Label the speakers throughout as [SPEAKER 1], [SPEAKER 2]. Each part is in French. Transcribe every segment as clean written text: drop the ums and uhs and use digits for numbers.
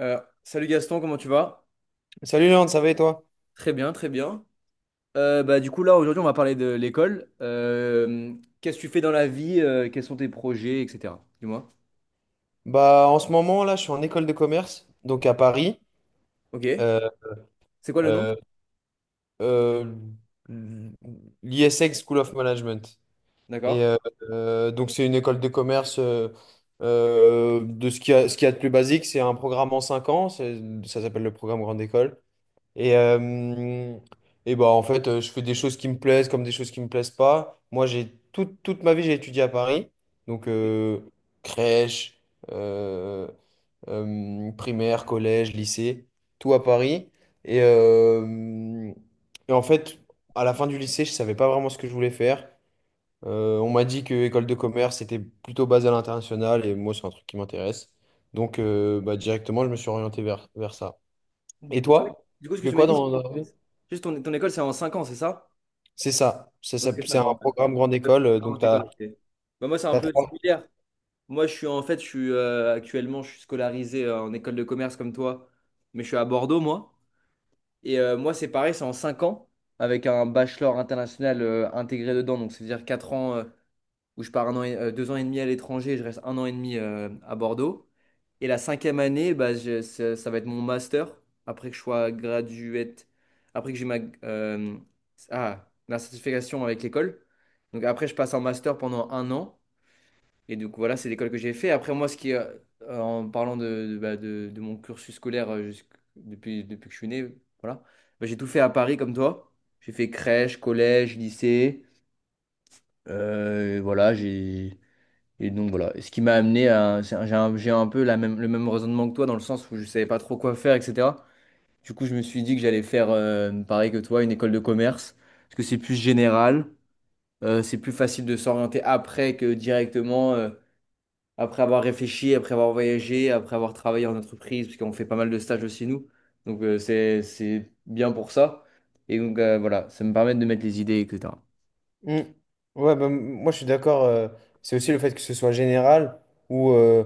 [SPEAKER 1] Salut Gaston, comment tu vas?
[SPEAKER 2] Salut Léon, ça va et toi?
[SPEAKER 1] Très bien, très bien. Bah, du coup, là, aujourd'hui, on va parler de l'école. Qu'est-ce que tu fais dans la vie? Quels sont tes projets, etc. Dis-moi.
[SPEAKER 2] Bah, en ce moment, là, je suis en école de commerce, donc à Paris,
[SPEAKER 1] Ok.
[SPEAKER 2] euh,
[SPEAKER 1] C'est quoi le nom?
[SPEAKER 2] euh, euh, l'ISEC School of Management. Et
[SPEAKER 1] D'accord.
[SPEAKER 2] euh, euh, donc, c'est une école de commerce de ce qu'il y a de plus basique. C'est un programme en 5 ans, ça s'appelle le programme Grande École. Et, euh, et bah, en fait, je fais des choses qui me plaisent comme des choses qui me plaisent pas. Moi, j'ai toute ma vie, j'ai étudié à Paris, donc crèche. euh, Primaire, collège, lycée, tout à Paris. Et, euh, et en fait, à la fin du lycée, je savais pas vraiment ce que je voulais faire. On m'a dit que école de commerce c'était plutôt basé à l'international et moi, c'est un truc qui m'intéresse. Donc, bah, directement, je me suis orienté vers ça.
[SPEAKER 1] Du
[SPEAKER 2] Et
[SPEAKER 1] coup, ah oui.
[SPEAKER 2] toi,
[SPEAKER 1] Du coup, ce que
[SPEAKER 2] tu fais
[SPEAKER 1] tu m'as
[SPEAKER 2] quoi
[SPEAKER 1] dit, c'est
[SPEAKER 2] dans la vie?
[SPEAKER 1] juste ton école, c'est en 5 ans, c'est ça?
[SPEAKER 2] C'est ça.
[SPEAKER 1] Ok,
[SPEAKER 2] C'est
[SPEAKER 1] 5
[SPEAKER 2] un
[SPEAKER 1] ans. En
[SPEAKER 2] programme grande école.
[SPEAKER 1] Ah, mon
[SPEAKER 2] Donc, tu
[SPEAKER 1] école,
[SPEAKER 2] as...
[SPEAKER 1] ok. Bah, moi, c'est un peu similaire. Moi, je suis en fait, je suis actuellement, je suis scolarisé en école de commerce comme toi, mais je suis à Bordeaux, moi. Et moi, c'est pareil, c'est en 5 ans, avec un bachelor international, intégré dedans. Donc, c'est-à-dire 4 ans, où je pars deux ans et demi à l'étranger, et je reste un an et demi, à Bordeaux. Et la cinquième année, bah, ça va être mon master, après que je sois graduate, après que j'ai euh, ma certification avec l'école. Donc, après, je passe en master pendant un an. Et donc voilà, c'est l'école que j'ai fait. Après moi, ce qui, en parlant bah, de mon cursus scolaire, depuis que je suis né, voilà. Bah, j'ai tout fait à Paris comme toi. J'ai fait crèche, collège, lycée. Voilà, j'ai et donc voilà. Et ce qui m'a amené à, c'est j'ai un peu le même raisonnement que toi dans le sens où je savais pas trop quoi faire, etc. Du coup, je me suis dit que j'allais faire, pareil que toi, une école de commerce, parce que c'est plus général, c'est plus facile de s'orienter après que directement. Après avoir réfléchi, après avoir voyagé, après avoir travaillé en entreprise, parce qu'on fait pas mal de stages aussi, nous. Donc, c'est bien pour ça. Et donc, voilà, ça me permet de mettre les idées, et etc.
[SPEAKER 2] Mm. Ouais, bah, moi je suis d'accord. C'est aussi le fait que ce soit général ou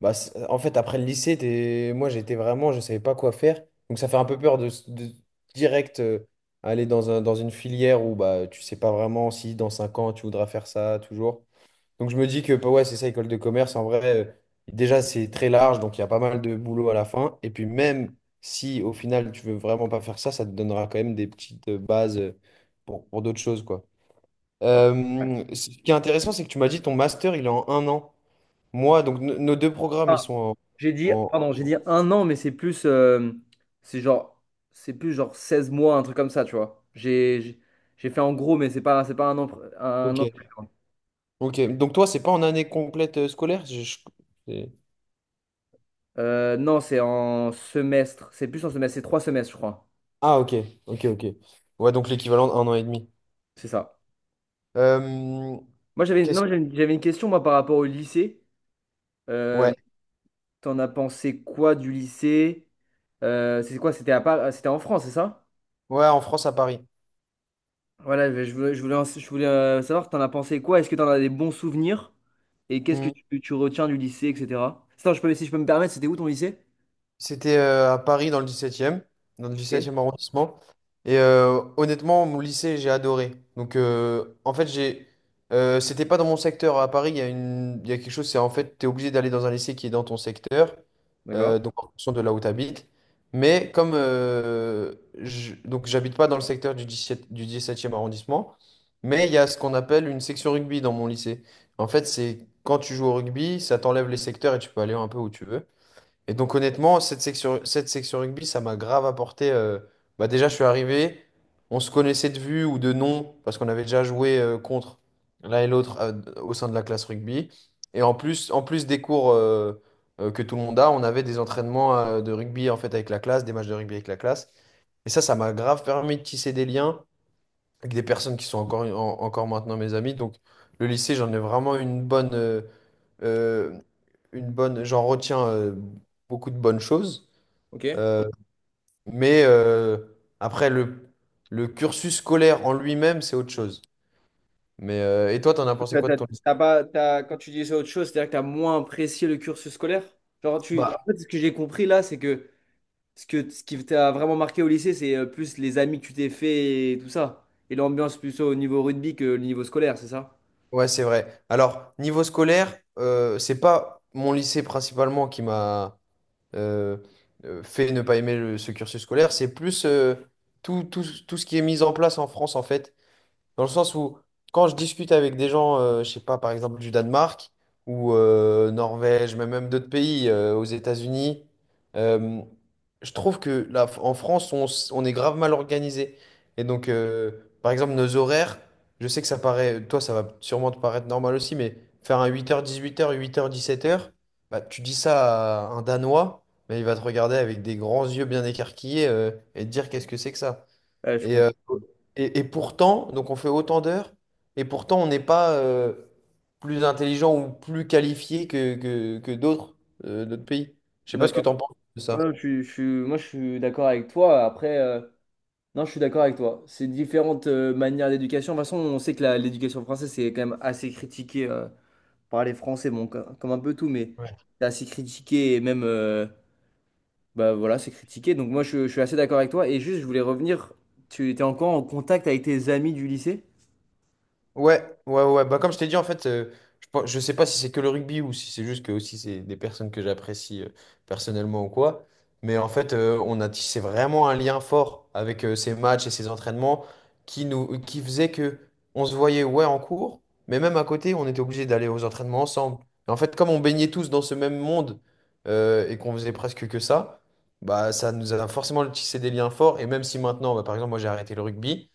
[SPEAKER 2] bah, en fait après le lycée, moi j'étais vraiment, je savais pas quoi faire. Donc ça fait un peu peur de, de direct aller dans une filière où bah, tu sais pas vraiment si dans 5 ans tu voudras faire ça toujours. Donc je me dis que bah, ouais, c'est ça, école de commerce. En vrai, déjà c'est très large, donc il y a pas mal de boulot à la fin. Et puis même si au final tu veux vraiment pas faire ça, ça te donnera quand même des petites bases pour d'autres choses, quoi. Ce qui est intéressant, c'est que tu m'as dit ton master, il est en 1 an. Moi, donc nos deux programmes, ils
[SPEAKER 1] Ah,
[SPEAKER 2] sont
[SPEAKER 1] j'ai dit,
[SPEAKER 2] en... en-
[SPEAKER 1] pardon, j'ai dit un an, mais c'est plus, c'est genre, c'est plus genre 16 mois, un truc comme ça, tu vois. J'ai fait en gros, mais c'est pas un an, un
[SPEAKER 2] Ok,
[SPEAKER 1] an.
[SPEAKER 2] ok. Donc toi, c'est pas en année complète scolaire? C'est-
[SPEAKER 1] Non, c'est en semestre. C'est plus en semestre. C'est trois semestres, je crois.
[SPEAKER 2] Ah, ok, ok, ok. Ouais, donc l'équivalent d'1 an et demi.
[SPEAKER 1] C'est ça.
[SPEAKER 2] Euh,
[SPEAKER 1] Moi, j'avais
[SPEAKER 2] qu'est-ce...
[SPEAKER 1] non, j'avais j'avais une question moi par rapport au lycée. Euh,
[SPEAKER 2] Ouais,
[SPEAKER 1] T'en as pensé quoi du lycée? C'est quoi? C'était en France, c'est ça?
[SPEAKER 2] Ouais, en France, à Paris.
[SPEAKER 1] Voilà, je voulais savoir, t'en as pensé quoi? Est-ce que t'en as des bons souvenirs? Et qu'est-ce que
[SPEAKER 2] Hmm.
[SPEAKER 1] tu retiens du lycée, etc. Attends, je peux, si je peux me permettre, c'était où ton lycée?
[SPEAKER 2] C'était à Paris dans le 17e, dans le
[SPEAKER 1] Ok,
[SPEAKER 2] 17e arrondissement. Et honnêtement, mon lycée, j'ai adoré. Donc en fait, j'ai c'était pas dans mon secteur. À Paris, il y a quelque chose, c'est en fait, tu es obligé d'aller dans un lycée qui est dans ton secteur,
[SPEAKER 1] d'accord.
[SPEAKER 2] donc en fonction de là où tu habites. Mais comme donc j'habite pas dans le secteur du 17e, du 17e arrondissement, mais il y a ce qu'on appelle une section rugby dans mon lycée. En fait, c'est quand tu joues au rugby, ça t'enlève les secteurs et tu peux aller un peu où tu veux. Et donc honnêtement, cette section rugby, ça m'a grave apporté. Bah déjà, je suis arrivé, on se connaissait de vue ou de nom, parce qu'on avait déjà joué contre l'un et l'autre au sein de la classe rugby. Et en plus des cours que tout le monde a, on avait des entraînements de rugby en fait avec la classe, des matchs de rugby avec la classe. Et ça m'a grave permis de tisser des liens avec des personnes qui sont encore maintenant mes amis. Donc le lycée, j'en ai vraiment une bonne. Euh, une bonne, j'en retiens beaucoup de bonnes choses,
[SPEAKER 1] Ok.
[SPEAKER 2] euh, mais après le cursus scolaire en lui-même, c'est autre chose. Mais et toi, t'en as pensé
[SPEAKER 1] T'as-
[SPEAKER 2] quoi de
[SPEAKER 1] t'as-
[SPEAKER 2] ton lycée?
[SPEAKER 1] t'as pas, t'as- Quand tu disais autre chose, c'est-à-dire que tu as moins apprécié le cursus scolaire? Genre, en
[SPEAKER 2] Bah,
[SPEAKER 1] fait, ce que j'ai compris là, c'est que ce qui t'a vraiment marqué au lycée, c'est, plus les amis que tu t'es fait et tout ça. Et l'ambiance plutôt au niveau rugby que le niveau scolaire, c'est ça?
[SPEAKER 2] ouais, c'est vrai. Alors, niveau scolaire, c'est pas mon lycée principalement qui m'a euh, fait ne pas aimer ce cursus scolaire, c'est plus tout, tout, tout ce qui est mis en place en France, en fait. Dans le sens où, quand je discute avec des gens, je sais pas, par exemple du Danemark ou Norvège, mais même d'autres pays, aux États-Unis, euh, je trouve que là, en France, on est grave mal organisé. Et donc, par exemple, nos horaires, je sais que ça paraît, toi, ça va sûrement te paraître normal aussi, mais faire un 8 heures, 18 heures, 8 heures, 17 heures, bah, tu dis ça à un Danois, mais il va te regarder avec des grands yeux bien écarquillés, et te dire qu'est-ce que c'est que ça.
[SPEAKER 1] Ouais, je
[SPEAKER 2] Et,
[SPEAKER 1] comprends.
[SPEAKER 2] euh, et pourtant, donc on fait autant d'heures, et pourtant on n'est pas plus intelligent ou plus qualifié que d'autres pays. Je sais pas ce que
[SPEAKER 1] D'accord.
[SPEAKER 2] tu en penses de ça.
[SPEAKER 1] Ouais, moi, je suis d'accord avec toi. Après. Non, je suis d'accord avec toi. C'est différentes, manières d'éducation. De toute façon, on sait que l'éducation française, c'est quand même assez critiqué, par les Français, bon, comme, un peu tout, mais
[SPEAKER 2] Ouais.
[SPEAKER 1] c'est assez critiqué et même, bah voilà, c'est critiqué. Donc moi, je suis assez d'accord avec toi. Et juste, je voulais revenir, tu étais encore en contact avec tes amis du lycée?
[SPEAKER 2] Ouais, ouais, ouais. Bah, comme je t'ai dit, en fait, je sais pas si c'est que le rugby ou si c'est juste que aussi c'est des personnes que j'apprécie personnellement ou quoi. Mais en fait, on a tissé vraiment un lien fort avec ces matchs et ces entraînements qui faisait que on se voyait, ouais, en cours, mais même à côté, on était obligé d'aller aux entraînements ensemble. Et en fait, comme on baignait tous dans ce même monde et qu'on faisait presque que ça, bah, ça nous a forcément tissé des liens forts. Et même si maintenant, bah, par exemple, moi j'ai arrêté le rugby,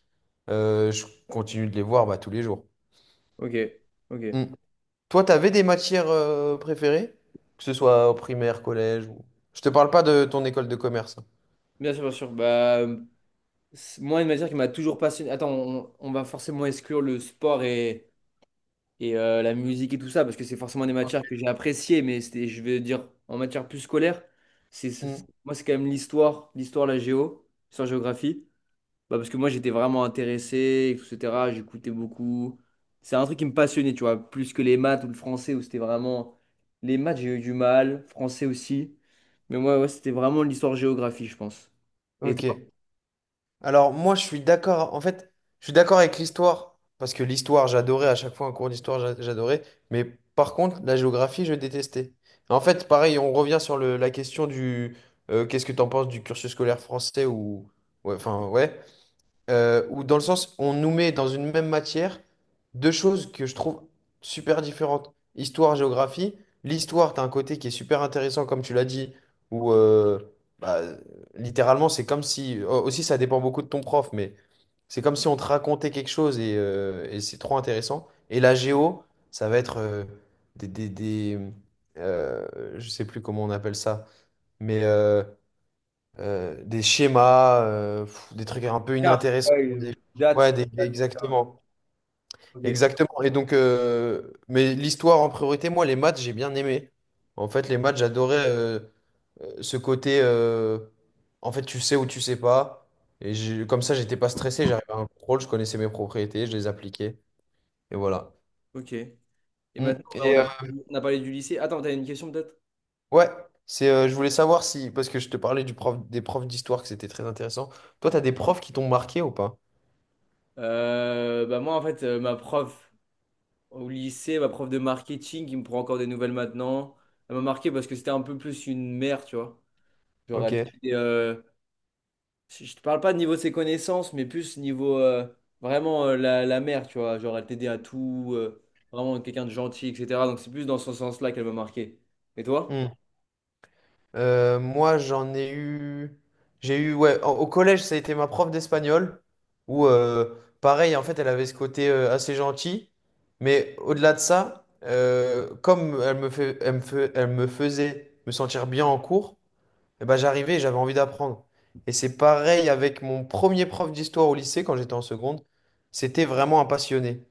[SPEAKER 2] je continue de les voir bah, tous les jours.
[SPEAKER 1] Ok, ok.
[SPEAKER 2] Mm. Toi, t'avais des matières préférées? Que ce soit au primaire, collège ou... Je te parle pas de ton école de commerce.
[SPEAKER 1] Bien sûr, bien sûr. Bah, moi, une matière qui m'a toujours passionné. Attends, on va forcément exclure le sport et la musique et tout ça, parce que c'est forcément des matières que j'ai appréciées, mais c'était, je vais dire, en matière plus scolaire,
[SPEAKER 2] Mm.
[SPEAKER 1] moi, c'est quand même l'histoire, la géo, l'histoire-géographie, bah, parce que moi, j'étais vraiment intéressé, etc., j'écoutais beaucoup. C'est un truc qui me passionnait, tu vois, plus que les maths ou le français, où c'était vraiment... Les maths, j'ai eu du mal, français aussi, mais moi, ouais, c'était vraiment l'histoire-géographie, je pense. Et
[SPEAKER 2] Ok.
[SPEAKER 1] toi?
[SPEAKER 2] Alors moi, je suis d'accord. En fait, je suis d'accord avec l'histoire parce que l'histoire, j'adorais à chaque fois un cours d'histoire, j'adorais. Mais par contre, la géographie, je détestais. En fait, pareil, on revient sur la question du qu'est-ce que t'en penses du cursus scolaire français ou ouais, enfin ouais. Où dans le sens, on nous met dans une même matière deux choses que je trouve super différentes. Histoire, géographie. L'histoire, tu as un côté qui est super intéressant, comme tu l'as dit, où bah, littéralement, c'est comme si. Oh, aussi, ça dépend beaucoup de ton prof, mais c'est comme si on te racontait quelque chose et c'est trop intéressant. Et la géo, ça va être des euh, je sais plus comment on appelle ça, mais, des schémas, des trucs un peu
[SPEAKER 1] Carte,
[SPEAKER 2] inintéressants.
[SPEAKER 1] ouais,
[SPEAKER 2] des- Ouais,
[SPEAKER 1] date, date.
[SPEAKER 2] exactement.
[SPEAKER 1] Ok.
[SPEAKER 2] Exactement. Et donc, mais l'histoire en priorité, moi, les maths, j'ai bien aimé. En fait, les maths, j'adorais ce côté, en fait, tu sais ou tu sais pas. Et comme ça, j'étais pas stressé, j'arrivais à un contrôle, je connaissais mes propriétés, je les appliquais. Et voilà.
[SPEAKER 1] Ok. Et
[SPEAKER 2] Mm.
[SPEAKER 1] maintenant, bah,
[SPEAKER 2] Et
[SPEAKER 1] on a, on a parlé du lycée. Attends, t'as une question peut-être?
[SPEAKER 2] ouais, je voulais savoir si, parce que je te parlais du prof, des profs d'histoire, que c'était très intéressant. Toi, tu as des profs qui t'ont marqué ou pas?
[SPEAKER 1] Bah moi, en fait, ma prof au lycée, ma prof de marketing, qui me prend encore des nouvelles maintenant, elle m'a marqué parce que c'était un peu plus une mère, tu vois. Genre, elle
[SPEAKER 2] Ok.
[SPEAKER 1] était, je te parle pas de niveau de ses connaissances, mais plus niveau, vraiment, la mère, tu vois. Genre, elle t'aidait à tout, vraiment quelqu'un de gentil, etc. Donc, c'est plus dans ce sens-là qu'elle m'a marqué. Et toi?
[SPEAKER 2] Mmh. Moi, j'en ai eu. J'ai eu, ouais, au collège, ça a été ma prof d'espagnol, où, pareil, en fait, elle avait ce côté assez gentil, mais au-delà de ça, comme elle me faisait me sentir bien en cours, eh ben, j'arrivais et j'avais envie d'apprendre. Et c'est pareil avec mon premier prof d'histoire au lycée, quand j'étais en seconde, c'était vraiment un passionné.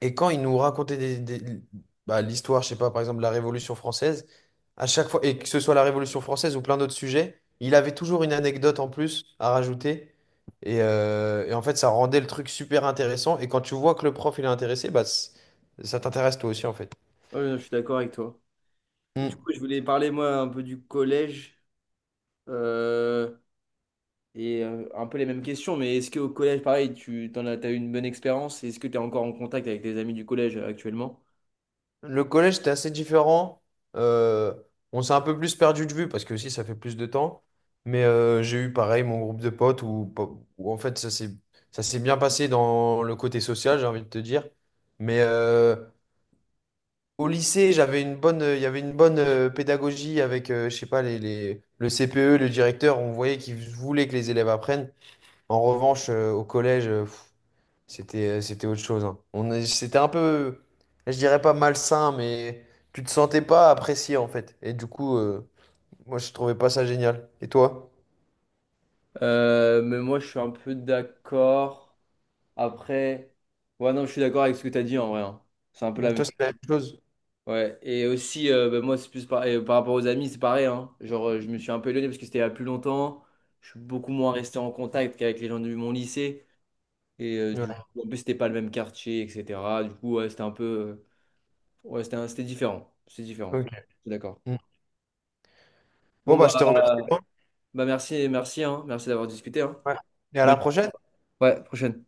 [SPEAKER 2] Et quand il nous racontait bah, l'histoire, je sais pas, par exemple, la Révolution française, à chaque fois, et que ce soit la Révolution française ou plein d'autres sujets, il avait toujours une anecdote en plus à rajouter. Et en fait, ça rendait le truc super intéressant. Et quand tu vois que le prof, il est intéressé, bah, ça t'intéresse toi aussi, en fait.
[SPEAKER 1] Ouais, je suis d'accord avec toi. Et du
[SPEAKER 2] Mm.
[SPEAKER 1] coup, je voulais parler, moi, un peu du collège. Euh, Et un peu les mêmes questions, mais est-ce qu'au collège, pareil, t'as eu une bonne expérience? Est-ce que tu es encore en contact avec des amis du collège, actuellement?
[SPEAKER 2] Le collège, c'était assez différent. Euh, on s'est un peu plus perdu de vue parce que aussi ça fait plus de temps. Mais j'ai eu pareil mon groupe de potes où en fait ça s'est bien passé dans le côté social, j'ai envie de te dire. Mais au lycée, il y avait une bonne pédagogie avec, je sais pas, le CPE, le directeur. On voyait qu'ils voulaient que les élèves apprennent. En revanche, au collège, c'était autre chose, hein. C'était un peu, je dirais pas malsain, mais tu te sentais pas apprécié en fait. Et du coup, moi je trouvais pas ça génial. Et toi?
[SPEAKER 1] Mais moi, je suis un peu d'accord. Après, ouais, non, je suis d'accord avec ce que tu as dit en vrai, hein. C'est un peu la même
[SPEAKER 2] Toi, c'est la
[SPEAKER 1] chose.
[SPEAKER 2] même chose?
[SPEAKER 1] Ouais, et aussi, bah, moi, c'est plus et par rapport aux amis, c'est pareil, hein. Genre, je me suis un peu éloigné parce que c'était il y a plus longtemps. Je suis beaucoup moins resté en contact qu'avec les gens de mon lycée. Et du coup,
[SPEAKER 2] Ouais.
[SPEAKER 1] en plus, c'était pas le même quartier, etc. Du coup, ouais, c'était un peu, ouais, c'était différent. C'est
[SPEAKER 2] Ok.
[SPEAKER 1] différent. Je suis d'accord.
[SPEAKER 2] Mm. Bon,
[SPEAKER 1] Bon,
[SPEAKER 2] bah,
[SPEAKER 1] bah,
[SPEAKER 2] je te remercie, hein.
[SPEAKER 1] bah merci, merci, hein. Merci d'avoir discuté, hein.
[SPEAKER 2] Ouais. Et à la
[SPEAKER 1] Bonne-
[SPEAKER 2] prochaine.
[SPEAKER 1] Ouais, prochaine.